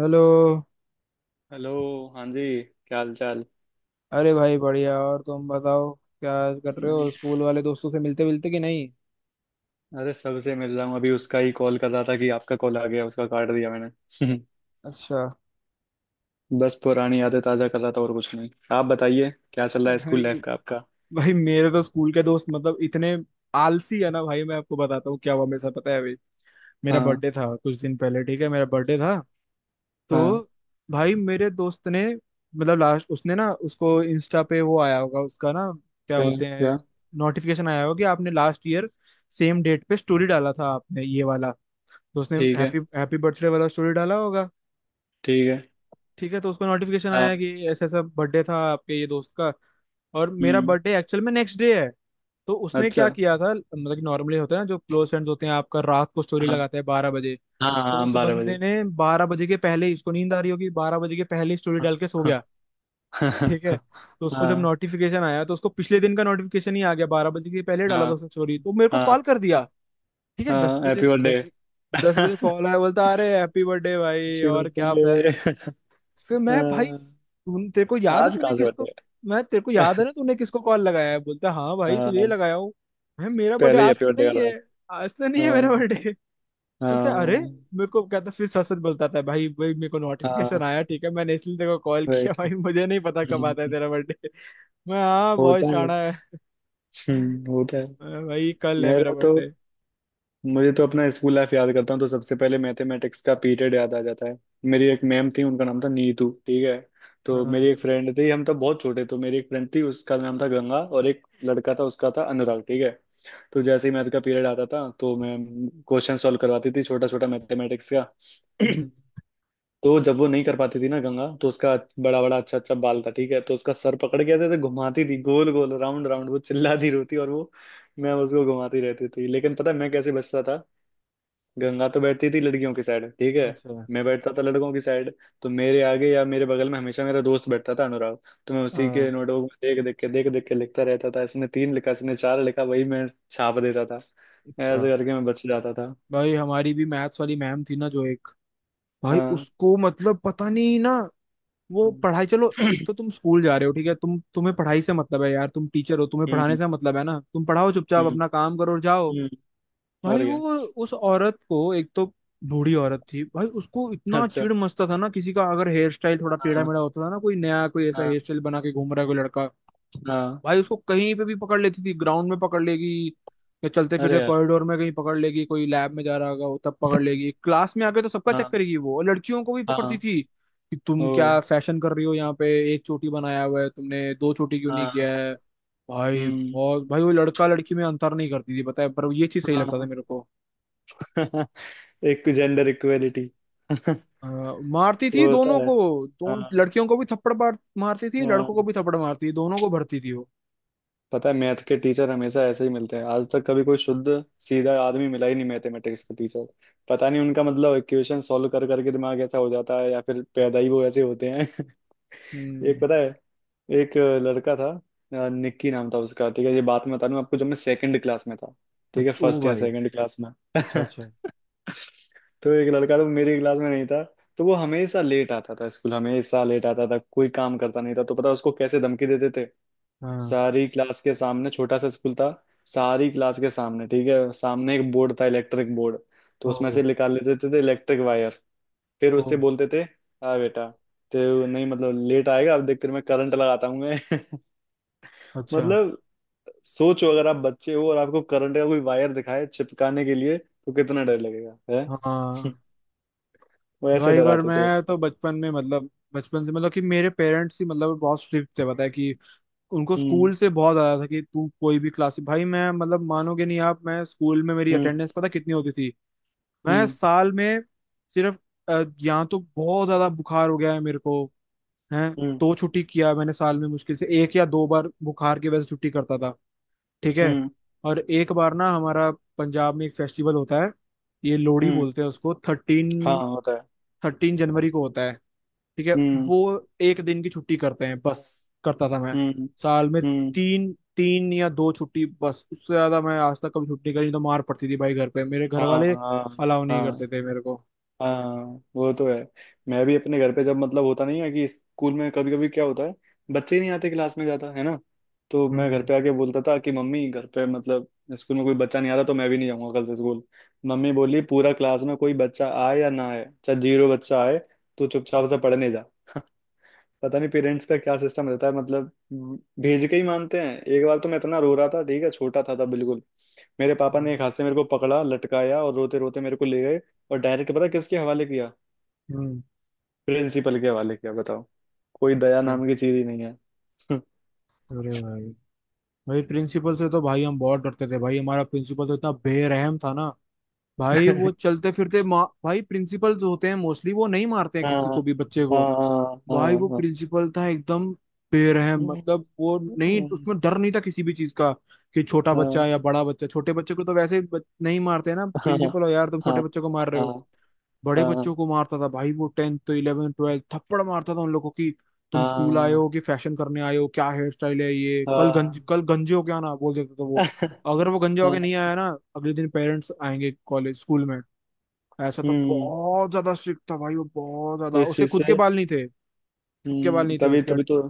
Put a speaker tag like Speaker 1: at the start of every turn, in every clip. Speaker 1: Hello.
Speaker 2: Hello. हाँ जी। क्या हाल चाल।
Speaker 1: अरे भाई, बढ़िया। और तुम बताओ, क्या कर रहे हो?
Speaker 2: मैं-
Speaker 1: स्कूल वाले दोस्तों से मिलते मिलते कि नहीं?
Speaker 2: अरे सबसे मिल रहा हूँ, अभी उसका ही कॉल कर रहा था कि आपका कॉल आ गया, उसका काट दिया मैंने
Speaker 1: अच्छा।
Speaker 2: बस पुरानी यादें ताजा कर रहा था, और कुछ नहीं। आप बताइए क्या चल रहा है स्कूल
Speaker 1: भाई
Speaker 2: लाइफ का आपका।
Speaker 1: भाई मेरे तो स्कूल के दोस्त मतलब इतने आलसी है ना। भाई, मैं आपको बताता हूँ क्या हुआ मेरे साथ। पता है, अभी मेरा
Speaker 2: हाँ।
Speaker 1: बर्थडे था कुछ दिन पहले। ठीक है, मेरा बर्थडे था।
Speaker 2: हाँ।
Speaker 1: तो भाई, मेरे दोस्त ने मतलब लास्ट उसने ना, उसको इंस्टा पे वो आया होगा उसका ना, क्या
Speaker 2: क्या।
Speaker 1: बोलते हैं,
Speaker 2: क्या।
Speaker 1: नोटिफिकेशन आया होगा कि आपने लास्ट ईयर सेम डेट पे स्टोरी डाला था, आपने ये वाला। तो उसने
Speaker 2: ठीक है।
Speaker 1: हैप्पी हैप्पी बर्थडे वाला स्टोरी डाला होगा।
Speaker 2: ठीक है।
Speaker 1: ठीक है, तो उसको नोटिफिकेशन
Speaker 2: हाँ।
Speaker 1: आया कि ऐसा ऐसा बर्थडे था आपके ये दोस्त का। और मेरा
Speaker 2: हम्म।
Speaker 1: बर्थडे एक्चुअल में नेक्स्ट डे है। तो उसने क्या
Speaker 2: अच्छा।
Speaker 1: किया था मतलब, कि नॉर्मली होता है ना, जो क्लोज फ्रेंड्स होते हैं आपका, रात को स्टोरी
Speaker 2: हाँ।
Speaker 1: लगाते हैं 12 बजे।
Speaker 2: हाँ
Speaker 1: तो
Speaker 2: हाँ
Speaker 1: उस
Speaker 2: बारह
Speaker 1: बंदे
Speaker 2: बजे।
Speaker 1: ने 12 बजे के पहले ही, उसको नींद आ रही होगी, 12 बजे के पहले ही स्टोरी
Speaker 2: हाँ।
Speaker 1: डाल के सो गया।
Speaker 2: हाँ।
Speaker 1: ठीक है, तो उसको जब
Speaker 2: हाँ
Speaker 1: नोटिफिकेशन आया तो उसको पिछले दिन का नोटिफिकेशन ही आ गया, 12 बजे के पहले डाला
Speaker 2: हाँ
Speaker 1: था उसने स्टोरी, तो मेरे को कॉल
Speaker 2: हाँ
Speaker 1: कर दिया। ठीक है, दस
Speaker 2: हाँ
Speaker 1: बजे
Speaker 2: हैप्पी बर्थडे।
Speaker 1: दस दस बजे
Speaker 2: हैप्पी
Speaker 1: कॉल आया। बोलता, अरे हैप्पी बर्थडे भाई, और क्या प्लान?
Speaker 2: बर्थडे।
Speaker 1: फिर मैं, भाई तू तेरे को याद है
Speaker 2: आज
Speaker 1: तूने
Speaker 2: कहाँ
Speaker 1: किसको
Speaker 2: से।
Speaker 1: मैं तेरे को याद है ना तूने किसको कॉल लगाया है? बोलता है, हाँ भाई तुझे ही
Speaker 2: हाँ।
Speaker 1: लगाया हूँ। मैं मेरा बर्थडे
Speaker 2: पहले ही
Speaker 1: आज तो
Speaker 2: अपीयर कर
Speaker 1: नहीं
Speaker 2: रहा
Speaker 1: है।
Speaker 2: है।
Speaker 1: आज तो नहीं है मेरा
Speaker 2: हाँ।
Speaker 1: बर्थडे। बोलता है, अरे,
Speaker 2: हाँ।
Speaker 1: मेरे को कहता, फिर सच सच बोलता था, भाई भाई मेरे को नोटिफिकेशन
Speaker 2: हाँ।
Speaker 1: आया, ठीक है, मैंने इसलिए तेरे को कॉल किया,
Speaker 2: राइट।
Speaker 1: भाई मुझे नहीं पता कब आता है
Speaker 2: हम्म,
Speaker 1: तेरा बर्थडे। मैं, हाँ बहुत
Speaker 2: होता है।
Speaker 1: शाना है।
Speaker 2: होता है।
Speaker 1: भाई कल है मेरा
Speaker 2: मेरा तो
Speaker 1: बर्थडे।
Speaker 2: मुझे तो अपना स्कूल लाइफ याद करता हूँ तो सबसे पहले मैथमेटिक्स का पीरियड याद आ जाता है। मेरी एक मैम थी, उनका नाम था नीतू, ठीक है। तो मेरी
Speaker 1: हाँ।
Speaker 2: एक फ्रेंड थी, हम तब बहुत छोटे, तो मेरी एक फ्रेंड थी उसका नाम था गंगा, और एक लड़का था उसका था अनुराग, ठीक है। तो जैसे ही मैथ का पीरियड आता था तो मैं क्वेश्चन सॉल्व करवाती थी, छोटा छोटा मैथमेटिक्स का
Speaker 1: हम्म,
Speaker 2: तो जब वो नहीं कर पाती थी ना गंगा, तो उसका बड़ा बड़ा अच्छा अच्छा बाल था ठीक है, तो उसका सर पकड़ के ऐसे ऐसे घुमाती थी गोल गोल राउंड राउंड, वो चिल्लाती रोती, और वो मैं उसको घुमाती रहती थी। लेकिन पता है मैं कैसे बचता था। गंगा तो बैठती थी लड़कियों की साइड, ठीक है।
Speaker 1: अच्छा।
Speaker 2: मैं बैठता था लड़कों की साइड, तो मेरे आगे या मेरे बगल में हमेशा मेरा दोस्त बैठता था अनुराग। तो मैं उसी के
Speaker 1: हाँ।
Speaker 2: नोटबुक में देख देख के लिखता रहता था, इसने 3 लिखा इसने 4 लिखा, वही मैं छाप देता था। ऐसे
Speaker 1: अच्छा।
Speaker 2: करके मैं बच जाता था।
Speaker 1: भाई हमारी भी मैथ्स वाली मैम थी ना, जो एक, भाई
Speaker 2: हाँ।
Speaker 1: उसको मतलब पता नहीं ना, वो पढ़ाई, चलो एक
Speaker 2: हम्म।
Speaker 1: तो तुम स्कूल जा रहे हो, ठीक है, तुम्हें पढ़ाई से मतलब है, यार तुम टीचर हो, तुम्हें पढ़ाने
Speaker 2: हम्म।
Speaker 1: से मतलब है ना, तुम पढ़ाओ चुपचाप,
Speaker 2: हम्म।
Speaker 1: अपना काम करो और जाओ।
Speaker 2: हम्म, और
Speaker 1: भाई
Speaker 2: क्या।
Speaker 1: वो, उस औरत को एक तो, बूढ़ी औरत थी भाई, उसको इतना
Speaker 2: अच्छा।
Speaker 1: चिढ़ मचता था ना, किसी का अगर हेयर स्टाइल थोड़ा टेढ़ा
Speaker 2: हाँ।
Speaker 1: मेढ़ा होता था ना, कोई नया कोई ऐसा हेयर
Speaker 2: हाँ।
Speaker 1: स्टाइल बना के घूम रहा है कोई लड़का,
Speaker 2: हाँ।
Speaker 1: भाई उसको कहीं पे भी पकड़ लेती थी, ग्राउंड में पकड़ लेगी या चलते
Speaker 2: अरे
Speaker 1: फिरते
Speaker 2: यार।
Speaker 1: कॉरिडोर में कहीं पकड़ लेगी, कोई लैब में जा रहा होगा वो तब पकड़ लेगी, क्लास में आके तो सबका चेक
Speaker 2: हाँ।
Speaker 1: करेगी वो, और लड़कियों को भी पकड़ती
Speaker 2: हाँ।
Speaker 1: थी कि तुम क्या
Speaker 2: ओ।
Speaker 1: फैशन कर रही हो यहाँ पे, एक चोटी बनाया हुआ है तुमने, दो चोटी क्यों नहीं
Speaker 2: हाँ।
Speaker 1: किया है। भाई
Speaker 2: हम्म।
Speaker 1: बहुत, भाई वो लड़का लड़की में अंतर नहीं करती थी, पता है, पर ये चीज सही लगता था
Speaker 2: हाँ।
Speaker 1: मेरे को।
Speaker 2: एक जेंडर इक्वेलिटी।
Speaker 1: अ, मारती थी
Speaker 2: वो होता
Speaker 1: दोनों
Speaker 2: है।
Speaker 1: को, दोनों,
Speaker 2: हाँ।
Speaker 1: लड़कियों को भी थप्पड़ मारती थी, लड़कों को
Speaker 2: हाँ।
Speaker 1: भी थप्पड़ मारती थी, दोनों को भरती थी वो।
Speaker 2: पता है, मैथ के टीचर हमेशा ऐसे ही मिलते हैं, आज तक कभी कोई शुद्ध सीधा आदमी मिला ही नहीं मैथमेटिक्स के टीचर। पता नहीं उनका, मतलब, इक्वेशन सॉल्व कर करके दिमाग ऐसा हो जाता है या फिर पैदा ही वो ऐसे होते हैं। एक
Speaker 1: हम्म।
Speaker 2: पता है, एक लड़का था, निक्की नाम था उसका, ठीक है। ये बात मैं बता दूं आपको, जब मैं सेकंड क्लास में था, ठीक है,
Speaker 1: ओ
Speaker 2: फर्स्ट या
Speaker 1: भाई।
Speaker 2: सेकंड क्लास में।
Speaker 1: अच्छा अच्छा।
Speaker 2: तो एक लड़का तो मेरी क्लास में नहीं था। तो वो हमेशा लेट आता था स्कूल, हमेशा लेट आता था, कोई काम करता नहीं था। तो पता है उसको कैसे धमकी देते थे।
Speaker 1: हाँ।
Speaker 2: सारी क्लास के सामने, छोटा सा स्कूल था, सारी क्लास के सामने, ठीक है, सामने एक बोर्ड था, इलेक्ट्रिक बोर्ड। तो उसमें से
Speaker 1: ओ।
Speaker 2: निकाल लेते थे इलेक्ट्रिक वायर। फिर
Speaker 1: ओ।
Speaker 2: उससे बोलते थे हाँ बेटा, तो नहीं मतलब लेट आएगा, अब देख तेरे में करंट लगाता हूँ मैं।
Speaker 1: अच्छा।
Speaker 2: मतलब, सोचो, अगर आप बच्चे हो और आपको करंट का कोई वायर दिखाए चिपकाने के लिए, तो कितना डर लगेगा, है।
Speaker 1: हाँ।
Speaker 2: वो ऐसे
Speaker 1: भाई पर
Speaker 2: डराते थे
Speaker 1: मैं तो
Speaker 2: उसको।
Speaker 1: बचपन में मतलब, बचपन से मतलब कि मेरे पेरेंट्स ही मतलब बहुत स्ट्रिक्ट थे, पता है कि उनको
Speaker 2: हम्म।
Speaker 1: स्कूल से बहुत आया था, कि तू कोई भी क्लास, भाई मैं मतलब, मानोगे नहीं आप, मैं स्कूल में मेरी
Speaker 2: हम्म।
Speaker 1: अटेंडेंस पता कितनी होती थी? मैं
Speaker 2: हम्म।
Speaker 1: साल में सिर्फ, यहाँ तो बहुत ज्यादा बुखार हो गया है मेरे को है,
Speaker 2: हम्म।
Speaker 1: दो छुट्टी किया मैंने साल में, मुश्किल से एक या दो बार बुखार की वजह से छुट्टी करता था। ठीक है।
Speaker 2: हम्म।
Speaker 1: और एक बार ना, हमारा पंजाब में एक फेस्टिवल होता है, ये लोहड़ी
Speaker 2: हम्म।
Speaker 1: बोलते हैं उसको,
Speaker 2: हाँ
Speaker 1: थर्टीन,
Speaker 2: होता है।
Speaker 1: 13 जनवरी को होता है। ठीक है,
Speaker 2: हम्म।
Speaker 1: वो एक दिन की छुट्टी करते हैं बस, करता था मैं
Speaker 2: हम्म।
Speaker 1: साल में,
Speaker 2: हम्म।
Speaker 1: तीन, तीन या दो छुट्टी बस, उससे ज्यादा मैं आज तक कभी छुट्टी करी नहीं, तो मार पड़ती थी भाई घर पे, मेरे घर
Speaker 2: हाँ।
Speaker 1: वाले
Speaker 2: हाँ।
Speaker 1: अलाउ नहीं
Speaker 2: हाँ।
Speaker 1: करते थे मेरे को।
Speaker 2: हाँ वो तो है। मैं भी अपने घर पे, जब मतलब होता नहीं है कि स्कूल में कभी कभी क्या होता है, बच्चे ही नहीं आते क्लास में, जाता है ना, तो
Speaker 1: हम्म
Speaker 2: मैं घर
Speaker 1: हम्म
Speaker 2: पे आके बोलता था कि मम्मी घर पे, मतलब, स्कूल में कोई बच्चा नहीं आ रहा तो मैं भी नहीं जाऊंगा कल से स्कूल। मम्मी बोली पूरा क्लास में कोई बच्चा आए या ना आए, चाहे 0 बच्चा आए, तो चुपचाप से पढ़ने जा। पता नहीं पेरेंट्स का क्या सिस्टम रहता है, मतलब, भेज के ही मानते हैं। एक बार तो मैं इतना रो रहा था, ठीक है, छोटा था तब बिल्कुल, मेरे पापा
Speaker 1: हम्म,
Speaker 2: ने एक हाथ से मेरे को पकड़ा, लटकाया और रोते रोते मेरे को ले गए। और डायरेक्ट पता है किसके हवाले किया,
Speaker 1: हम्म,
Speaker 2: प्रिंसिपल के हवाले किया, बताओ। कोई दया
Speaker 1: अच्छा।
Speaker 2: नाम की चीज ही नहीं है।
Speaker 1: अरे भाई, भाई प्रिंसिपल से तो भाई हम बहुत डरते थे, भाई हमारा प्रिंसिपल तो इतना बेरहम था ना, भाई वो चलते फिरते, भाई प्रिंसिपल जो होते हैं मोस्टली वो नहीं मारते हैं
Speaker 2: हाँ।
Speaker 1: किसी को भी, बच्चे
Speaker 2: हाँ
Speaker 1: को,
Speaker 2: हाँ हाँ
Speaker 1: भाई वो
Speaker 2: हाँ।
Speaker 1: प्रिंसिपल था एकदम बेरहम, मतलब वो नहीं, उसमें डर नहीं था किसी भी चीज का, कि छोटा
Speaker 2: हाँ।
Speaker 1: बच्चा या बड़ा बच्चा, छोटे बच्चे को तो वैसे ही नहीं मारते हैं ना,
Speaker 2: हाँ।
Speaker 1: प्रिंसिपल हो यार, तुम छोटे
Speaker 2: हाँ।
Speaker 1: बच्चे को मार रहे हो। बड़े
Speaker 2: हाँ हाँ
Speaker 1: बच्चों
Speaker 2: हाँ।
Speaker 1: को मारता था भाई वो, 10th, 11th, 12th, थप्पड़ मारता था उन लोगों की। तुम स्कूल आए हो कि फैशन करने आए हो? क्या हेयर स्टाइल है ये?
Speaker 2: हाँ, हाँ,
Speaker 1: कल गंजे हो क्या, ना बोल देता था वो। अगर वो गंजा होके
Speaker 2: हाँ,
Speaker 1: नहीं आया ना, अगले दिन पेरेंट्स आएंगे कॉलेज स्कूल में। ऐसा तो
Speaker 2: हम्म।
Speaker 1: बहुत ज्यादा स्ट्रिक्ट था भाई वो, बहुत ज्यादा।
Speaker 2: इस
Speaker 1: उसके
Speaker 2: चीज
Speaker 1: खुद के
Speaker 2: से।
Speaker 1: बाल नहीं थे खुद के बाल
Speaker 2: हम्म,
Speaker 1: नहीं थे
Speaker 2: तभी
Speaker 1: उसके।
Speaker 2: तभी तो,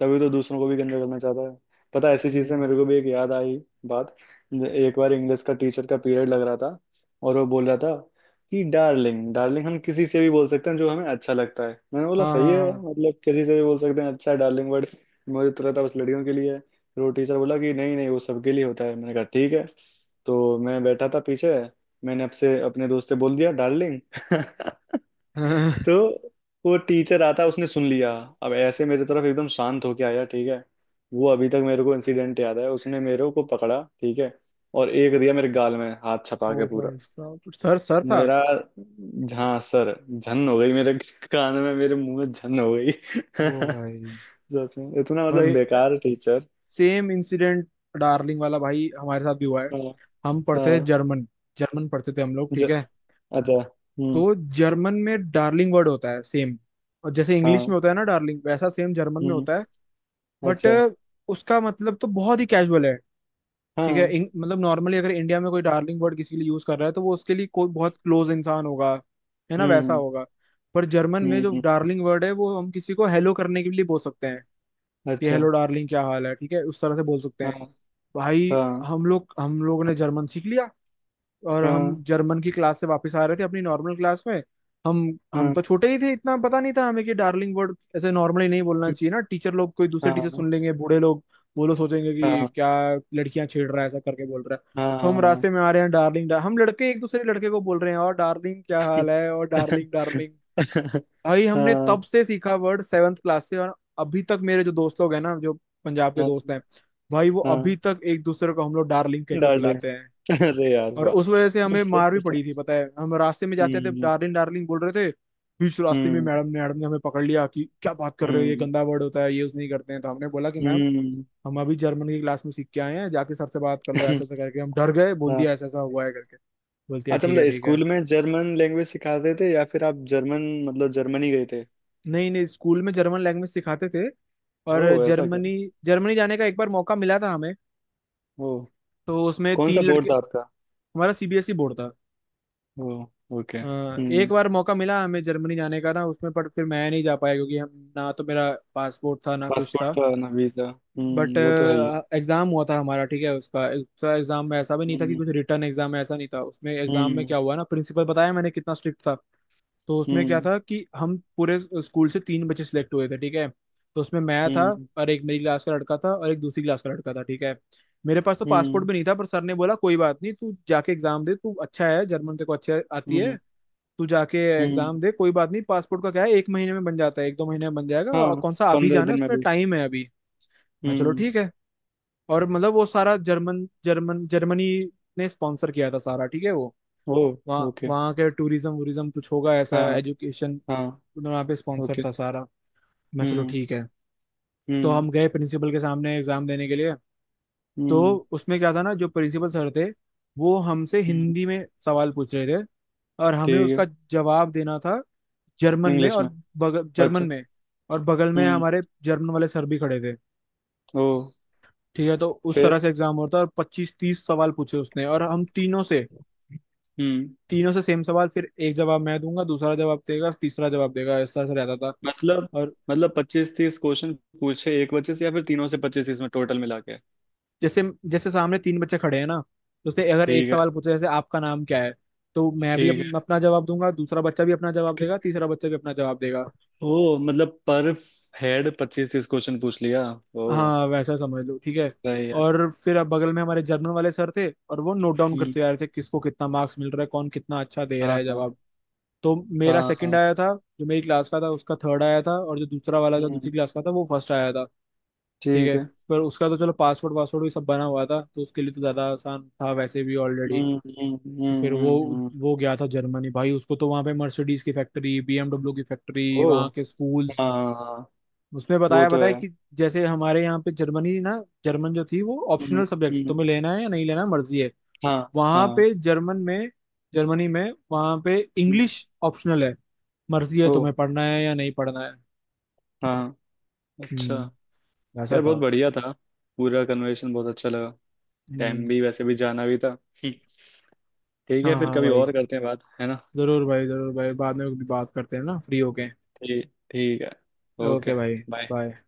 Speaker 2: तभी तो दूसरों को भी गंदा करना चाहता है। पता है, ऐसी चीज से
Speaker 1: हम्म,
Speaker 2: मेरे को भी एक याद आई बात। एक बार इंग्लिश का टीचर का पीरियड लग रहा था, और वो बोल रहा था कि डार्लिंग डार्लिंग हम किसी से भी बोल सकते हैं, जो हमें अच्छा लगता है। मैंने बोला
Speaker 1: हाँ
Speaker 2: सही है,
Speaker 1: हाँ
Speaker 2: मतलब किसी से भी बोल सकते हैं, अच्छा है डार्लिंग वर्ड, मुझे तो लगता है बस लड़कियों के लिए है। फिर वो टीचर बोला कि नहीं नहीं वो सबके लिए होता है। मैंने कहा ठीक है। तो मैं बैठा था पीछे, मैंने आपसे, अपने दोस्त से, बोल दिया डार्लिंग।
Speaker 1: हाँ।
Speaker 2: तो वो टीचर आता, उसने सुन लिया। अब ऐसे मेरी तरफ एकदम शांत होके आया, ठीक है, वो अभी तक मेरे को इंसिडेंट याद है, उसने मेरे को पकड़ा, ठीक है, और एक दिया मेरे गाल में, हाथ
Speaker 1: ओ
Speaker 2: छपा के पूरा
Speaker 1: भाई साहब, सर सर था।
Speaker 2: मेरा। हाँ, सर झन हो गई, मेरे कान में, मेरे मुंह में झन हो गई।
Speaker 1: ओ भाई,
Speaker 2: सच में इतना मतलब
Speaker 1: भाई
Speaker 2: बेकार टीचर।
Speaker 1: सेम इंसिडेंट डार्लिंग वाला भाई हमारे साथ भी हुआ है।
Speaker 2: हाँ।
Speaker 1: हम पढ़ते थे
Speaker 2: हाँ।
Speaker 1: जर्मन, जर्मन पढ़ते थे हम लोग,
Speaker 2: ज,
Speaker 1: ठीक है।
Speaker 2: अच्छा। हम्म।
Speaker 1: तो जर्मन में डार्लिंग वर्ड होता है सेम, और जैसे इंग्लिश में
Speaker 2: हाँ।
Speaker 1: होता है ना डार्लिंग, वैसा सेम जर्मन में
Speaker 2: हम्म।
Speaker 1: होता है। बट
Speaker 2: अच्छा।
Speaker 1: उसका मतलब तो बहुत ही कैजुअल है। ठीक है,
Speaker 2: हाँ।
Speaker 1: मतलब नॉर्मली अगर इंडिया में कोई डार्लिंग वर्ड किसी के लिए यूज कर रहा है तो वो उसके लिए कोई बहुत क्लोज इंसान होगा, है ना, वैसा
Speaker 2: हम्म।
Speaker 1: होगा। पर जर्मन में
Speaker 2: हम्म।
Speaker 1: जो डार्लिंग वर्ड है वो हम किसी को हेलो करने के लिए बोल सकते हैं कि
Speaker 2: अच्छा।
Speaker 1: हेलो डार्लिंग, क्या हाल है, ठीक है, उस तरह से बोल सकते
Speaker 2: हाँ।
Speaker 1: हैं। भाई,
Speaker 2: हाँ
Speaker 1: हम लोगों ने जर्मन सीख लिया, और हम
Speaker 2: हाँ
Speaker 1: जर्मन की क्लास से वापस आ रहे थे अपनी नॉर्मल क्लास में। हम हम
Speaker 2: हाँ
Speaker 1: तो छोटे ही थे, इतना पता नहीं था हमें कि डार्लिंग वर्ड ऐसे नॉर्मली नहीं बोलना चाहिए ना, टीचर लोग कोई दूसरे टीचर
Speaker 2: हाँ
Speaker 1: सुन लेंगे, बूढ़े लोग, वो लोग सोचेंगे कि
Speaker 2: हाँ
Speaker 1: क्या लड़कियां छेड़ रहा है ऐसा करके बोल रहा है। तो हम
Speaker 2: हाँ
Speaker 1: रास्ते में आ रहे हैं, हम लड़के एक दूसरे लड़के को बोल रहे हैं, और डार्लिंग क्या हाल है, और डार्लिंग डार्लिंग। भाई हमने
Speaker 2: हाँ
Speaker 1: तब से सीखा वर्ड 7th क्लास से, और अभी तक मेरे जो दोस्त लोग हैं ना, जो पंजाब के
Speaker 2: हाँ
Speaker 1: दोस्त हैं, भाई वो अभी
Speaker 2: हाँ
Speaker 1: तक एक दूसरे को हम लोग डार्लिंग कह के
Speaker 2: डार्लिंग।
Speaker 1: बुलाते हैं।
Speaker 2: अरे यार
Speaker 1: और
Speaker 2: वाह।
Speaker 1: उस वजह से
Speaker 2: सही।
Speaker 1: हमें मार
Speaker 2: सही
Speaker 1: भी
Speaker 2: सही।
Speaker 1: पड़ी थी, पता है, हम रास्ते में जाते थे
Speaker 2: हम्म।
Speaker 1: डार्लिंग डार्लिंग बोल रहे थे, बीच रास्ते में
Speaker 2: हम्म।
Speaker 1: मैडम ने हमें पकड़ लिया कि क्या बात कर रहे हो, ये
Speaker 2: हम्म।
Speaker 1: गंदा वर्ड होता है, ये यूज नहीं करते हैं। तो हमने बोला कि मैम,
Speaker 2: हम्म।
Speaker 1: हम अभी जर्मन की क्लास में सीख के आए हैं, जाके सर से बात कर लो, ऐसा ऐसा करके हम डर गए, बोल
Speaker 2: हाँ।
Speaker 1: दिया ऐसा ऐसा हुआ है करके। बोलती है
Speaker 2: अच्छा,
Speaker 1: ठीक है
Speaker 2: मतलब
Speaker 1: ठीक है।
Speaker 2: स्कूल में जर्मन लैंग्वेज सिखाते थे या फिर आप जर्मन, मतलब, जर्मनी गए थे।
Speaker 1: नहीं नहीं, स्कूल में जर्मन लैंग्वेज सिखाते थे।
Speaker 2: ओ,
Speaker 1: और
Speaker 2: ऐसा क्या।
Speaker 1: जर्मनी जर्मनी जाने का एक बार मौका मिला था हमें,
Speaker 2: ओ।
Speaker 1: तो उसमें
Speaker 2: कौन
Speaker 1: तीन
Speaker 2: सा
Speaker 1: लड़के,
Speaker 2: बोर्ड था आपका।
Speaker 1: हमारा CBSE बोर्ड था।
Speaker 2: ओ। ओके।
Speaker 1: अ, एक
Speaker 2: हम्म।
Speaker 1: बार मौका मिला हमें जर्मनी जाने का ना उसमें, पर फिर मैं नहीं जा पाया क्योंकि हम ना, तो मेरा पासपोर्ट था ना कुछ
Speaker 2: पासपोर्ट
Speaker 1: था।
Speaker 2: था ना वीजा,
Speaker 1: बट
Speaker 2: हम्म, वो तो है ही।
Speaker 1: एग्जाम हुआ था हमारा, ठीक है, उसका उसका एग्जाम में ऐसा भी नहीं था कि
Speaker 2: हम्म।
Speaker 1: कुछ रिटर्न, एग्जाम में ऐसा नहीं था। उसमें एग्जाम में
Speaker 2: हम्म।
Speaker 1: क्या हुआ ना, प्रिंसिपल बताया मैंने कितना स्ट्रिक्ट था, तो उसमें क्या
Speaker 2: हम्म।
Speaker 1: था कि हम पूरे स्कूल से तीन बच्चे सिलेक्ट हुए थे। ठीक है, तो उसमें मैं था,
Speaker 2: हम्म।
Speaker 1: और एक मेरी क्लास का लड़का था और एक दूसरी क्लास का लड़का था। ठीक है, मेरे पास तो पासपोर्ट
Speaker 2: हम्म।
Speaker 1: भी नहीं था, पर सर ने बोला कोई बात नहीं, तू जाके एग्जाम दे, तू अच्छा है जर्मन तेरे को अच्छे आती है,
Speaker 2: हम्म।
Speaker 1: तू जाके
Speaker 2: हम्म।
Speaker 1: एग्जाम दे, कोई बात नहीं पासपोर्ट का क्या है, एक महीने में बन जाता है, एक दो महीने में बन जाएगा, और
Speaker 2: हाँ।
Speaker 1: कौन सा अभी
Speaker 2: 15
Speaker 1: जाना है,
Speaker 2: दिन में
Speaker 1: उसमें
Speaker 2: भी।
Speaker 1: टाइम है अभी। मैं, चलो
Speaker 2: हम्म।
Speaker 1: ठीक है। और मतलब वो सारा जर्मन जर्मन जर्मनी ने स्पॉन्सर किया था सारा, ठीक है वो,
Speaker 2: ओ।
Speaker 1: वहाँ
Speaker 2: ओके।
Speaker 1: वहाँ के टूरिज्म वूरिज्म कुछ होगा ऐसा
Speaker 2: हाँ।
Speaker 1: एजुकेशन,
Speaker 2: हाँ।
Speaker 1: वहाँ पे स्पॉन्सर
Speaker 2: ओके।
Speaker 1: था सारा। मैं, चलो
Speaker 2: हम्म।
Speaker 1: ठीक है। तो
Speaker 2: हम्म।
Speaker 1: हम गए प्रिंसिपल के सामने एग्जाम देने के लिए।
Speaker 2: हम्म।
Speaker 1: तो उसमें क्या था ना, जो प्रिंसिपल सर थे, वो हमसे
Speaker 2: हम्म,
Speaker 1: हिंदी में सवाल पूछ रहे थे, और हमें
Speaker 2: ठीक है।
Speaker 1: उसका जवाब देना था जर्मन में।
Speaker 2: इंग्लिश
Speaker 1: और
Speaker 2: में।
Speaker 1: जर्मन
Speaker 2: अच्छा।
Speaker 1: में, और बगल में
Speaker 2: हम्म।
Speaker 1: हमारे जर्मन वाले सर भी खड़े थे।
Speaker 2: ओ।
Speaker 1: ठीक है, तो उस तरह
Speaker 2: फिर।
Speaker 1: से एग्जाम होता है, और 25-30 सवाल पूछे उसने, और हम तीनों से,
Speaker 2: हम्म।
Speaker 1: तीनों से सेम सवाल, फिर एक जवाब मैं दूंगा, दूसरा जवाब देगा, तीसरा जवाब देगा, इस तरह से रहता था।
Speaker 2: मतलब।
Speaker 1: और
Speaker 2: मतलब 25-30 क्वेश्चन पूछे एक बच्चे से या फिर तीनों से 25-30 में टोटल मिला के।
Speaker 1: जैसे, जैसे सामने तीन बच्चे खड़े हैं ना, तो उसने अगर एक
Speaker 2: ठीक है।
Speaker 1: सवाल पूछे जैसे आपका नाम क्या है, तो मैं भी
Speaker 2: ठीक है।
Speaker 1: अपना जवाब दूंगा, दूसरा बच्चा भी अपना जवाब
Speaker 2: ठीक।
Speaker 1: देगा, तीसरा बच्चा भी अपना जवाब देगा।
Speaker 2: ओ मतलब पर हेड 25-30 क्वेश्चन पूछ लिया। ओ।
Speaker 1: हाँ वैसा समझ लो, ठीक है।
Speaker 2: सही है।
Speaker 1: और फिर अब बगल में हमारे जर्नल वाले सर थे, और वो नोट डाउन
Speaker 2: हम्म।
Speaker 1: करते जा रहे थे, किसको कितना मार्क्स मिल रहा है, कौन कितना अच्छा दे रहा
Speaker 2: हाँ
Speaker 1: है
Speaker 2: हाँ
Speaker 1: जवाब। तो मेरा
Speaker 2: हाँ
Speaker 1: सेकंड
Speaker 2: हाँ,
Speaker 1: आया था, जो मेरी क्लास का था उसका थर्ड आया था, और जो दूसरा वाला था
Speaker 2: हम्म।
Speaker 1: दूसरी क्लास का था वो फर्स्ट आया था। ठीक
Speaker 2: ठीक
Speaker 1: है,
Speaker 2: है।
Speaker 1: पर उसका तो चलो पासवर्ड वासवर्ड भी सब बना हुआ था, तो उसके लिए तो ज़्यादा आसान था वैसे भी, ऑलरेडी।
Speaker 2: हम्म। हम्म।
Speaker 1: तो फिर
Speaker 2: हम्म।
Speaker 1: वो
Speaker 2: हम्म।
Speaker 1: वो गया था जर्मनी, भाई उसको तो वहाँ पे मर्सिडीज की फैक्ट्री, BMW की फैक्ट्री,
Speaker 2: ओ।
Speaker 1: वहाँ के स्कूल्स,
Speaker 2: हाँ
Speaker 1: उसमें
Speaker 2: वो
Speaker 1: बताया
Speaker 2: तो
Speaker 1: बताया
Speaker 2: है।
Speaker 1: कि जैसे हमारे यहाँ पे जर्मनी ना, जर्मन जो थी वो
Speaker 2: हम्म।
Speaker 1: ऑप्शनल सब्जेक्ट,
Speaker 2: हम्म।
Speaker 1: तुम्हें लेना है या नहीं लेना मर्जी है,
Speaker 2: हाँ।
Speaker 1: वहां
Speaker 2: हाँ।
Speaker 1: पे जर्मन में जर्मनी में वहां पे
Speaker 2: हम्म,
Speaker 1: इंग्लिश ऑप्शनल है, मर्जी है
Speaker 2: ओ।
Speaker 1: तुम्हें पढ़ना है या नहीं पढ़ना है।
Speaker 2: हाँ। अच्छा।
Speaker 1: हम्म, ऐसा
Speaker 2: यार
Speaker 1: था।
Speaker 2: बहुत बढ़िया था। पूरा कन्वर्सेशन बहुत अच्छा लगा।
Speaker 1: हम्म।
Speaker 2: टाइम भी वैसे भी जाना भी था। हम्म, ठीक
Speaker 1: हाँ
Speaker 2: है, फिर
Speaker 1: हाँ
Speaker 2: कभी
Speaker 1: भाई,
Speaker 2: और करते हैं बात, है ना।
Speaker 1: जरूर भाई, जरूर भाई, बाद में भी बात करते हैं ना फ्री होके।
Speaker 2: ठीक, ठीक है। ओके।
Speaker 1: ओके भाई।
Speaker 2: बाय।
Speaker 1: बाय।